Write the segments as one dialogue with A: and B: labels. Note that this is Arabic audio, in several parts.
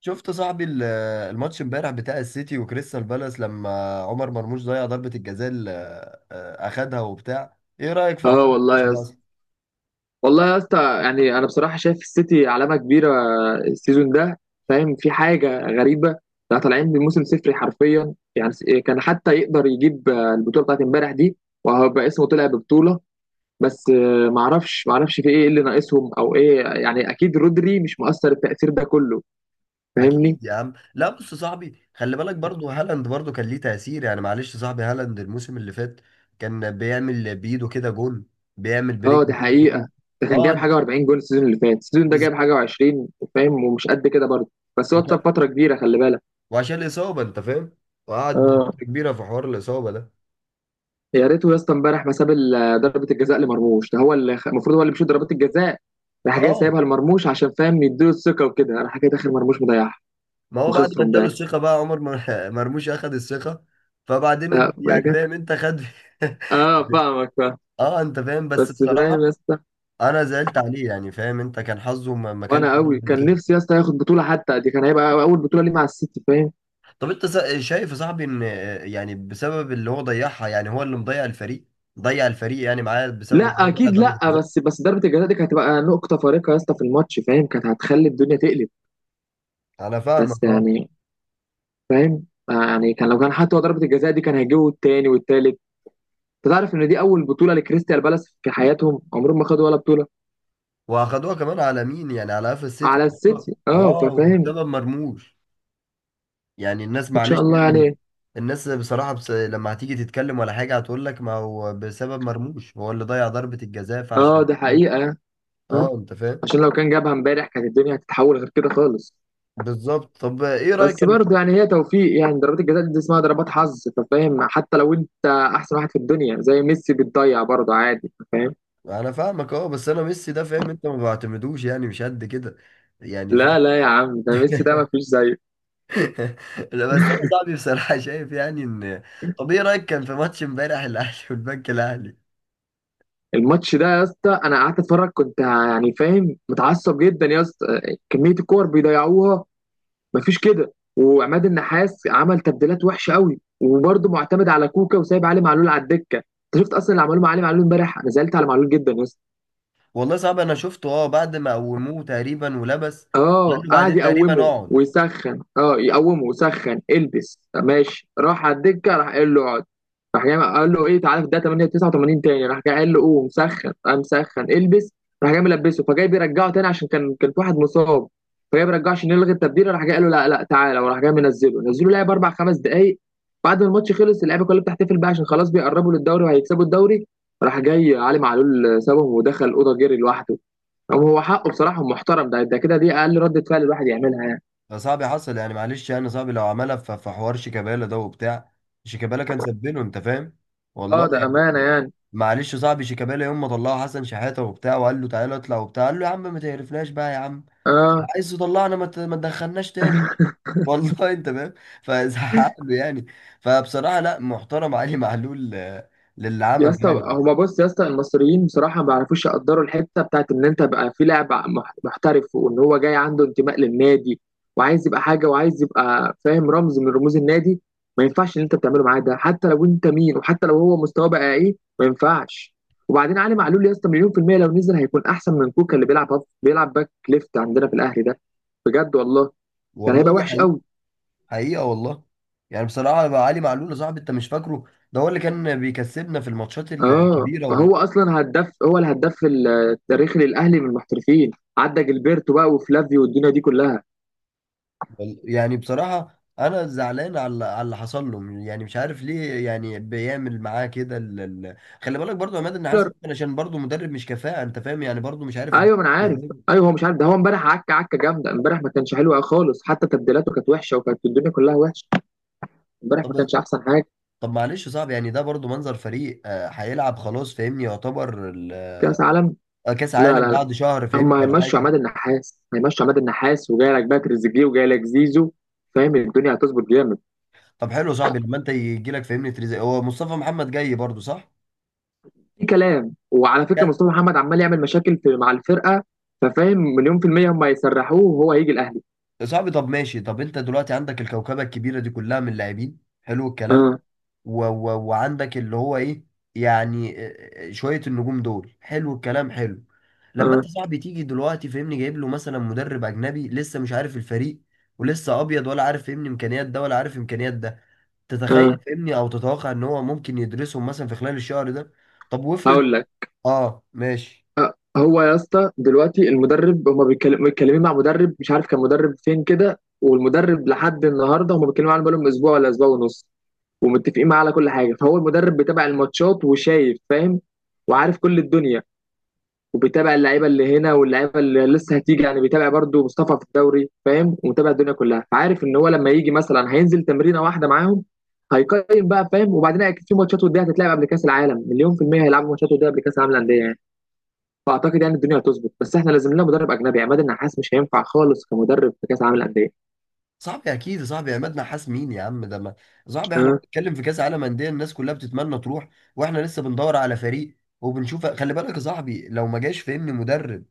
A: شفت صاحبي الماتش امبارح بتاع السيتي وكريستال بالاس، لما عمر مرموش ضيع ضربة الجزاء اللي اخدها وبتاع، ايه رأيك في حوار
B: اه، والله
A: الماتش
B: يا
A: ده
B: اسطى،
A: اصلا؟
B: والله يا اسطى، يعني انا بصراحه شايف السيتي علامه كبيره السيزون ده. فاهم، في حاجه غريبه. ده طالعين بموسم صفري حرفيا، يعني كان حتى يقدر يجيب البطوله بتاعت امبارح دي، وهيبقى اسمه طلع ببطوله. بس معرفش في ايه اللي ناقصهم او ايه، يعني اكيد رودري مش مؤثر التاثير ده كله. فاهمني؟
A: اكيد يا عم. لا بص يا صاحبي، خلي بالك برضو هالاند برضو كان ليه تأثير. يعني معلش يا صاحبي، هالاند الموسم اللي فات كان بيعمل بايده كده جون، بيعمل
B: اه دي
A: برجل كده
B: حقيقه.
A: جون.
B: ده كان
A: اه
B: جايب
A: انت
B: حاجه و40 جول السيزون اللي فات، السيزون ده
A: بز-
B: جايب حاجه و20. فاهم؟ ومش قد كده برضه، بس هو اتصاب
A: وك-
B: فتره كبيره، خلي بالك.
A: وعشان الإصابة انت فاهم، وقعد
B: اه،
A: فترة كبيرة في حوار الإصابة ده.
B: يا ريته يا اسطى امبارح ما ساب ضربه الجزاء لمرموش، ده هو اللي المفروض هو اللي بيشوط ضربات الجزاء. راح جاي
A: اه،
B: سايبها لمرموش عشان فاهم يديله الثقه وكده، راح جاي داخل مرموش مضيعها،
A: ما هو بعد ما
B: وخسروا
A: اداله
B: امبارح.
A: الثقة بقى عمر مرموش اخد الثقة، فبعدين
B: لا
A: يعني
B: بجد.
A: فاهم انت خد.
B: اه فاهمك، فاهم.
A: اه انت فاهم، بس
B: بس فاهم يا
A: بصراحة
B: اسطى،
A: انا زعلت عليه. يعني فاهم انت، كان حظه ما كانش
B: وانا
A: حلو
B: قوي
A: قد
B: كان
A: كده.
B: نفسي يا اسطى ياخد بطوله حتى دي، كان هيبقى اول بطوله ليه مع السيتي. فاهم؟
A: طب انت شايف يا صاحبي ان يعني بسبب اللي هو ضيعها، يعني هو اللي مضيع الفريق، ضيع الفريق يعني معاه، بسبب ان
B: لا
A: هو ضيع
B: اكيد
A: ضربة
B: لا،
A: الجزاء؟
B: بس ضربه الجزاء دي كانت هتبقى نقطه فارقه يا اسطى في الماتش، فاهم؟ كانت هتخلي الدنيا تقلب.
A: انا
B: بس
A: فاهمك اه.
B: يعني فاهم، يعني كان لو كان حتى هو ضربه الجزاء دي كان هيجيبوا التاني والتالت. انت تعرف ان دي اول بطوله لكريستال بالاس في حياتهم، عمرهم ما خدوا ولا بطوله.
A: واخدوها كمان على مين؟ يعني على قفا السيتي.
B: على السيتي، اه
A: واو،
B: ففاهم.
A: بسبب مرموش. يعني الناس
B: ان شاء
A: معلش
B: الله
A: يعني لما
B: يعني.
A: الناس بصراحة، بس لما هتيجي تتكلم ولا حاجة هتقول لك، ما هو بسبب مرموش، هو اللي ضيع ضربة الجزاء،
B: اه
A: فعشان.
B: ده حقيقه. اه،
A: اه انت فاهم.
B: عشان لو كان جابها امبارح كانت الدنيا هتتحول غير كده خالص.
A: بالظبط. طب ايه رأيك؟
B: بس
A: انا.
B: برضه يعني هي توفيق، يعني ضربات الجزاء دي اسمها ضربات حظ، فاهم؟ حتى لو انت احسن واحد في الدنيا زي ميسي بتضيع برضه عادي، فاهم؟
A: انا فاهمك اه، بس انا ميسي ده فاهم انت ما بعتمدوش، يعني مش قد كده يعني فاهم.
B: لا لا يا عم، ده ميسي ده ما فيش زيه.
A: لا بس انا صاحبي بصراحة شايف يعني ان. طب ايه رأيك كان في ماتش امبارح الاهلي والبنك الاهلي؟
B: الماتش ده يا اسطى انا قعدت اتفرج، كنت يعني فاهم متعصب جدا يا اسطى. كميه الكور بيضيعوها، مفيش كده. وعماد النحاس عمل تبديلات وحشه قوي، وبرضه معتمد على كوكا وسايب علي معلول على الدكه. انت شفت اصلا اللي عمله مع علي معلول امبارح؟ انا زعلت على معلول جدا يا اسطى.
A: والله صعب، انا شفته اه، بعد ما قوموه تقريبا ولبس. قال
B: اه،
A: له
B: قعد
A: بعدين تقريبا
B: يقومه
A: اقعد.
B: ويسخن، اه يقومه ويسخن، البس، ماشي، راح على الدكه، راح قال له اقعد. راح جاي قال له ايه تعالى، في ده 8 89 تاني، راح جاي قال له قوم مسخن، قام مسخن البس. راح جاي ملبسه، فجاي بيرجعه تاني عشان كان في واحد مصاب، فجاي بيرجعه عشان يلغي التبديل، راح جاي قال له لا لا تعالى، وراح جاي منزله، نزله لعب اربع خمس دقائق. بعد ما الماتش خلص اللعيبه كلها بتحتفل بقى عشان خلاص بيقربوا للدوري وهيكسبوا الدوري، راح جاي علي معلول سابهم ودخل الاوضه جري لوحده. أو هو حقه، بصراحة محترم. ده كده، دي أقل ردة فعل الواحد يعملها يعني.
A: ده صعب حصل، يعني معلش يعني صعب. لو عملها في حوار شيكابالا ده وبتاع، شيكابالا كان سبله انت فاهم، والله
B: أه ده
A: يعني.
B: أمانة يعني.
A: معلش صعب، شيكابالا يوم ما طلعوا حسن شحاته وبتاع وقال له تعالى اطلع وبتاع، قال له يا عم ما تقرفناش بقى يا عم،
B: أه
A: عايز تطلعنا؟ ما تدخلناش تاني. والله انت فاهم، فزعق له يعني. فبصراحه لا، محترم علي معلول للي
B: يا
A: عمله
B: اسطى،
A: يعني.
B: هما بص يا اسطى، المصريين بصراحة ما بيعرفوش يقدروا الحتة بتاعت إن أنت بقى في لاعب محترف، وإن هو جاي عنده انتماء للنادي وعايز يبقى حاجة وعايز يبقى فاهم رمز من رموز النادي. ما ينفعش إن أنت بتعمله معاه ده حتى لو أنت مين، وحتى لو هو مستواه بقى إيه، ما ينفعش. وبعدين علي معلول يا اسطى مليون في المية لو نزل هيكون أحسن من كوكا اللي بيلعب بيلعب باك ليفت عندنا في الأهلي ده، بجد والله. كان
A: والله
B: هيبقى
A: دي
B: وحش
A: حقيقه.
B: قوي.
A: حقيقه والله. يعني بصراحه بقى علي معلول يا صاحبي، انت مش فاكره؟ ده هو اللي كان بيكسبنا في الماتشات
B: اه
A: الكبيره
B: هو
A: والله.
B: اصلا هداف، هو الهداف التاريخي للاهلي من المحترفين، عدى جilberto بقى وفلافيو والدنيا دي كلها.
A: يعني بصراحة أنا زعلان على على اللي حصل له، يعني مش عارف ليه يعني بيعمل معاه كده. خلي بالك برضو يا عماد، إن حاسس
B: كولر.
A: ممكن عشان برضو مدرب مش كفاءة أنت فاهم. يعني برضو مش عارف
B: ايوه ما انا عارف.
A: إزاي؟
B: ايوه هو مش عارف. ده هو امبارح عكه، عكه جامده امبارح، ما كانش حلو خالص، حتى تبديلاته كانت وحشه وكانت الدنيا كلها وحشه. امبارح ما
A: طب.
B: كانش احسن حاجه.
A: معلش يا صاحبي، يعني ده برضو منظر فريق هيلعب خلاص فاهمني، يعتبر
B: كاس عالم.
A: كأس
B: لا
A: عالم
B: لا لا.
A: بعد شهر
B: هم
A: فاهمني ولا
B: هيمشوا
A: حاجة.
B: عماد النحاس، هيمشوا عماد النحاس وجاي لك بقى تريزيجيه وجاي لك زيزو. فاهم الدنيا هتظبط جامد.
A: طب حلو يا صاحبي، لما أنت يجي لك فاهمني تريزي، هو مصطفى محمد جاي برضو صح؟
B: في كلام، وعلى فكره
A: يا
B: مصطفى محمد عمال يعمل مشاكل في مع الفرقه، ففاهم مليون في المية هم هيسرحوه وهو هيجي الأهلي.
A: صاحبي طب ماشي. طب أنت دلوقتي عندك الكوكبة الكبيرة دي كلها من اللاعبين، حلو الكلام.
B: اه.
A: و و وعندك اللي هو ايه. يعني شوية النجوم دول حلو الكلام، حلو. لما
B: اه.
A: انت صاحبي تيجي دلوقتي فاهمني، جايب له مثلا مدرب اجنبي لسه مش عارف الفريق، ولسه ابيض ولا عارف فاهمني امكانيات ده ولا عارف امكانيات ده، تتخيل
B: اه
A: فاهمني او تتوقع ان هو ممكن يدرسهم مثلا في خلال الشهر ده؟ طب وافرض.
B: هقول لك.
A: اه ماشي.
B: هو يا اسطى دلوقتي المدرب هما متكلمين مع مدرب، مش عارف كان مدرب فين كده، والمدرب لحد النهارده هما بيتكلموا عنه بقالهم اسبوع ولا اسبوع ونص، ومتفقين معاه على كل حاجه. فهو المدرب بيتابع الماتشات وشايف، فاهم؟ وعارف كل الدنيا، وبيتابع اللعيبه اللي هنا واللعيبه اللي لسه هتيجي، يعني بيتابع برضو مصطفى في الدوري، فاهم؟ ومتابع الدنيا كلها. فعارف ان هو لما يجي مثلا هينزل تمرينه واحده معاهم هيقيم بقى، فاهم؟ وبعدين اكيد في ماتشات وديه هتتلعب قبل كاس العالم، مليون في الميه هيلعبوا ماتشات وديه قبل كاس العالم للانديه يعني. فاعتقد يعني الدنيا هتظبط، بس احنا لازم لنا مدرب اجنبي، عماد النحاس مش هينفع خالص كمدرب في كاس العالم للانديه.
A: صاحبي اكيد يا صاحبي، عماد نحاس مين يا عم ده؟ ما صاحبي احنا
B: ها.
A: بنتكلم في كاس عالم انديه، الناس كلها بتتمنى تروح. واحنا لسه بندور على فريق. وبنشوف خلي بالك يا صاحبي، لو ما جاش فهمني مدرب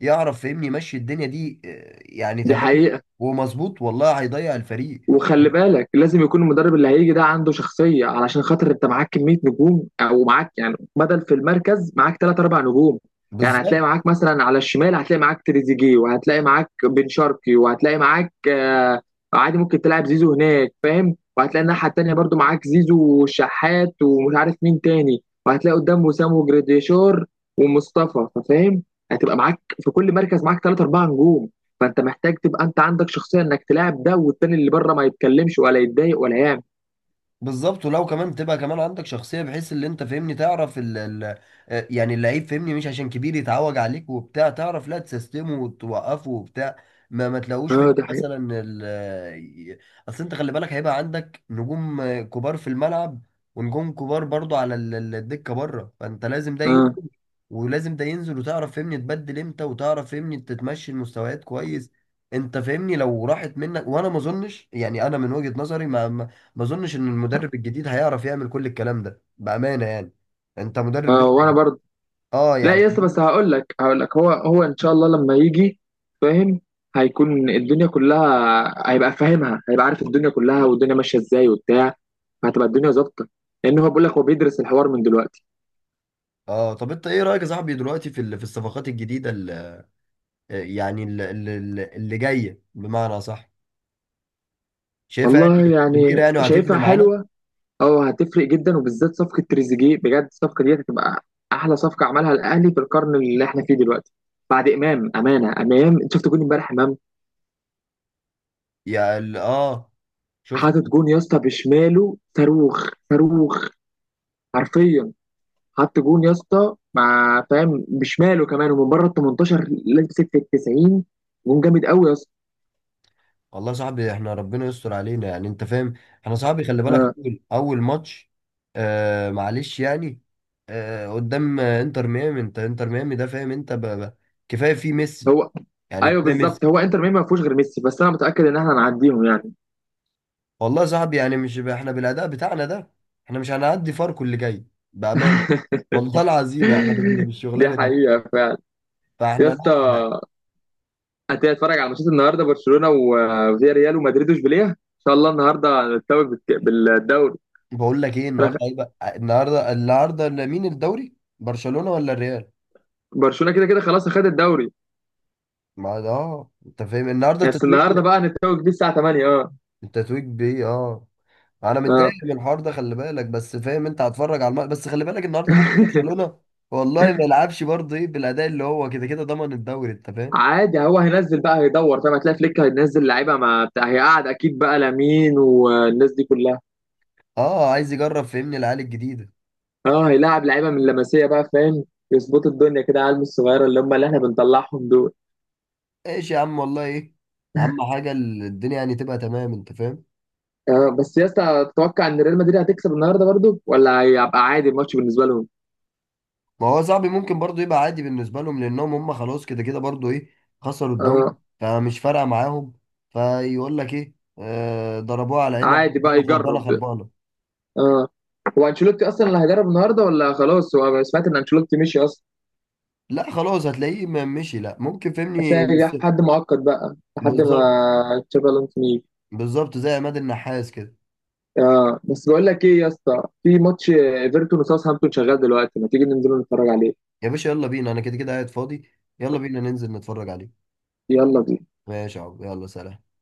A: يعرف فهمني يمشي الدنيا دي يعني
B: دي
A: تمام
B: حقيقه.
A: ومظبوط، والله هيضيع الفريق.
B: وخلي بالك لازم يكون المدرب اللي هيجي ده عنده شخصية علشان خاطر انت معاك كمية نجوم، او معاك يعني بدل في المركز معاك ثلاث اربع نجوم. يعني هتلاقي
A: بالظبط.
B: معاك مثلا على الشمال هتلاقي معاك تريزيجيه، وهتلاقي معاك بن شرقي، وهتلاقي معاك آه عادي ممكن تلعب زيزو هناك، فاهم؟ وهتلاقي الناحية التانية برضو معاك زيزو وشحات ومش عارف مين تاني، وهتلاقي قدام وسام وجراديشار ومصطفى، فاهم؟ هتبقى معاك في كل مركز معاك ثلاث اربع نجوم. فانت محتاج تبقى انت عندك شخصيه انك تلاعب ده والتاني اللي بره ما يتكلمش ولا يتضايق ولا يعمل.
A: بالظبط، ولو كمان تبقى كمان عندك شخصية، بحيث اللي انت فاهمني تعرف ال ال يعني اللعيب فاهمني، مش عشان كبير يتعوج عليك وبتاع، تعرف لا، تسيستمه وتوقفه وبتاع. ما تلاقوش
B: اه
A: فاهمني
B: ده حقيقي.
A: مثلا ي- اصل انت خلي بالك هيبقى عندك نجوم كبار في الملعب، ونجوم كبار برضو على الدكة بره، فانت لازم ده
B: اه.
A: ينزل، ولازم ده ينزل، وتعرف فاهمني تبدل امتى، وتعرف فاهمني تتمشي المستويات كويس. انت فاهمني لو راحت منك، وانا ما اظنش يعني، انا من وجهة نظري ما اظنش ان المدرب الجديد هيعرف يعمل كل الكلام ده بامانه يعني. انت مدرب
B: اه
A: لسه.
B: وانا برضه.
A: اه
B: لا
A: يعني.
B: يا اسطى، بس هقول لك هو ان شاء الله لما يجي، فاهم؟ هيكون الدنيا كلها هيبقى فاهمها، هيبقى عارف الدنيا كلها والدنيا ماشيه ازاي وبتاع، فهتبقى الدنيا ظابطه، لان هو بيقول لك هو بيدرس الحوار من دلوقتي.
A: اه. طب انت ايه رايك يا صاحبي دلوقتي في الصفقات الجديده يعني اللي جايه بمعنى صح، شايفها
B: والله
A: يعني كبيره
B: يعني
A: يعني، وهتفرق
B: شايفها
A: معانا؟
B: حلوه. اه هتفرق جدا، وبالذات صفقه تريزيجيه. بجد الصفقه دي هتبقى احلى صفقه عملها الاهلي في القرن اللي احنا فيه دلوقتي بعد امام. امانه امام، انت شفت جون امبارح امام؟
A: اه شفت.
B: حاطط جون يا اسطى بشماله، صاروخ صاروخ حرفيا. حط جون يا اسطى مع فاهم بشماله كمان، ومن بره ال 18 لمسك في ال 90. جون جامد قوي يا اسطى.
A: والله يا صاحبي احنا ربنا يستر علينا يعني انت فاهم. احنا صاحبي خلي بالك
B: آه.
A: اول اول ماتش. معلش يعني. قدام انتر ميامي. انت انتر ميامي ده فاهم انت كفايه فيه ميسي.
B: هو
A: يعني
B: ايوه
A: كفايه
B: بالظبط،
A: ميسي.
B: هو انتر ميامي ما فيهوش غير ميسي، بس انا متاكد ان احنا هنعديهم يعني.
A: والله يا صاحبي يعني مش احنا بالاداء بتاعنا ده، احنا مش هنعدي فاركو اللي جاي بامان، والله العظيم احنا
B: دي
A: بالشغلانه دي.
B: حقيقه فعلا. يا
A: فاحنا
B: اسطى
A: لا يعني.
B: هتيجي اتفرج على ماتشات النهارده؟ برشلونه وفيا، ريال ومدريد واشبيليه. ان شاء الله النهارده هنتوج بالدوري.
A: بقول لك ايه
B: أنا
A: النهارده،
B: خ-
A: ايه بقى النهارده مين الدوري؟ برشلونه ولا الريال؟
B: برشلونه كده كده خلاص اخد الدوري.
A: ما ده اه انت فاهم، النهارده
B: بس
A: التتويج.
B: النهارده بقى هنتوج بيه الساعه 8. اه
A: التتويج بيه اه. انا متضايق
B: اه.
A: من الحوار ده خلي بالك، بس فاهم انت هتفرج على الماتش، بس خلي بالك النهارده ممكن برشلونه والله ما يلعبش برضه، ايه بالاداء اللي هو كده كده ضمن الدوري انت فاهم.
B: عادي هو هينزل بقى هيدور، فاهم؟ هتلاقي فليك هينزل لعيبه ما بتاع، هيقعد اكيد بقى لامين والناس دي كلها.
A: اه عايز يجرب فهمني العيال الجديده.
B: اه هيلاعب لعيبه من لمسيه بقى، فاهم؟ يظبطوا الدنيا كده، عالم الصغيره اللي هم اللي احنا بنطلعهم دول.
A: ايش يا عم والله ايه. اهم حاجه الدنيا يعني تبقى تمام انت فاهم.
B: آه بس يا اسطى، تتوقع ان ريال مدريد هتكسب النهارده برضو ولا هيبقى عادي الماتش بالنسبه لهم؟
A: ما هو صاحبي ممكن برضو يبقى عادي بالنسبه لهم، لانهم هم خلاص كده كده برضو ايه، خسروا الدوري.
B: آه.
A: فمش فارقه معاهم. فيقول لك ايه. ضربوه على عينها.
B: عادي بقى
A: قالوا خربانه
B: يجرب.
A: خربانه.
B: اه، هو انشيلوتي اصلا اللي هيدرب النهارده ولا خلاص؟ هو أنا سمعت ان انشيلوتي مشي اصلا.
A: لا خلاص، هتلاقيه ما مشي، لا ممكن فهمني
B: هتلاقي جه حد معقد بقى لحد
A: بالظبط.
B: ما تشافي الونسو يجي.
A: بالظبط زي عماد النحاس كده.
B: اه بس بقول لك ايه يا اسطى، في ماتش ايفرتون وساوثهامبتون شغال دلوقتي، ما تيجي ننزل نتفرج عليه.
A: يا باشا يلا بينا، انا كده كده قاعد فاضي. يلا بينا ننزل نتفرج عليه.
B: يلا بينا.
A: ماشي يا عم، يلا سلام.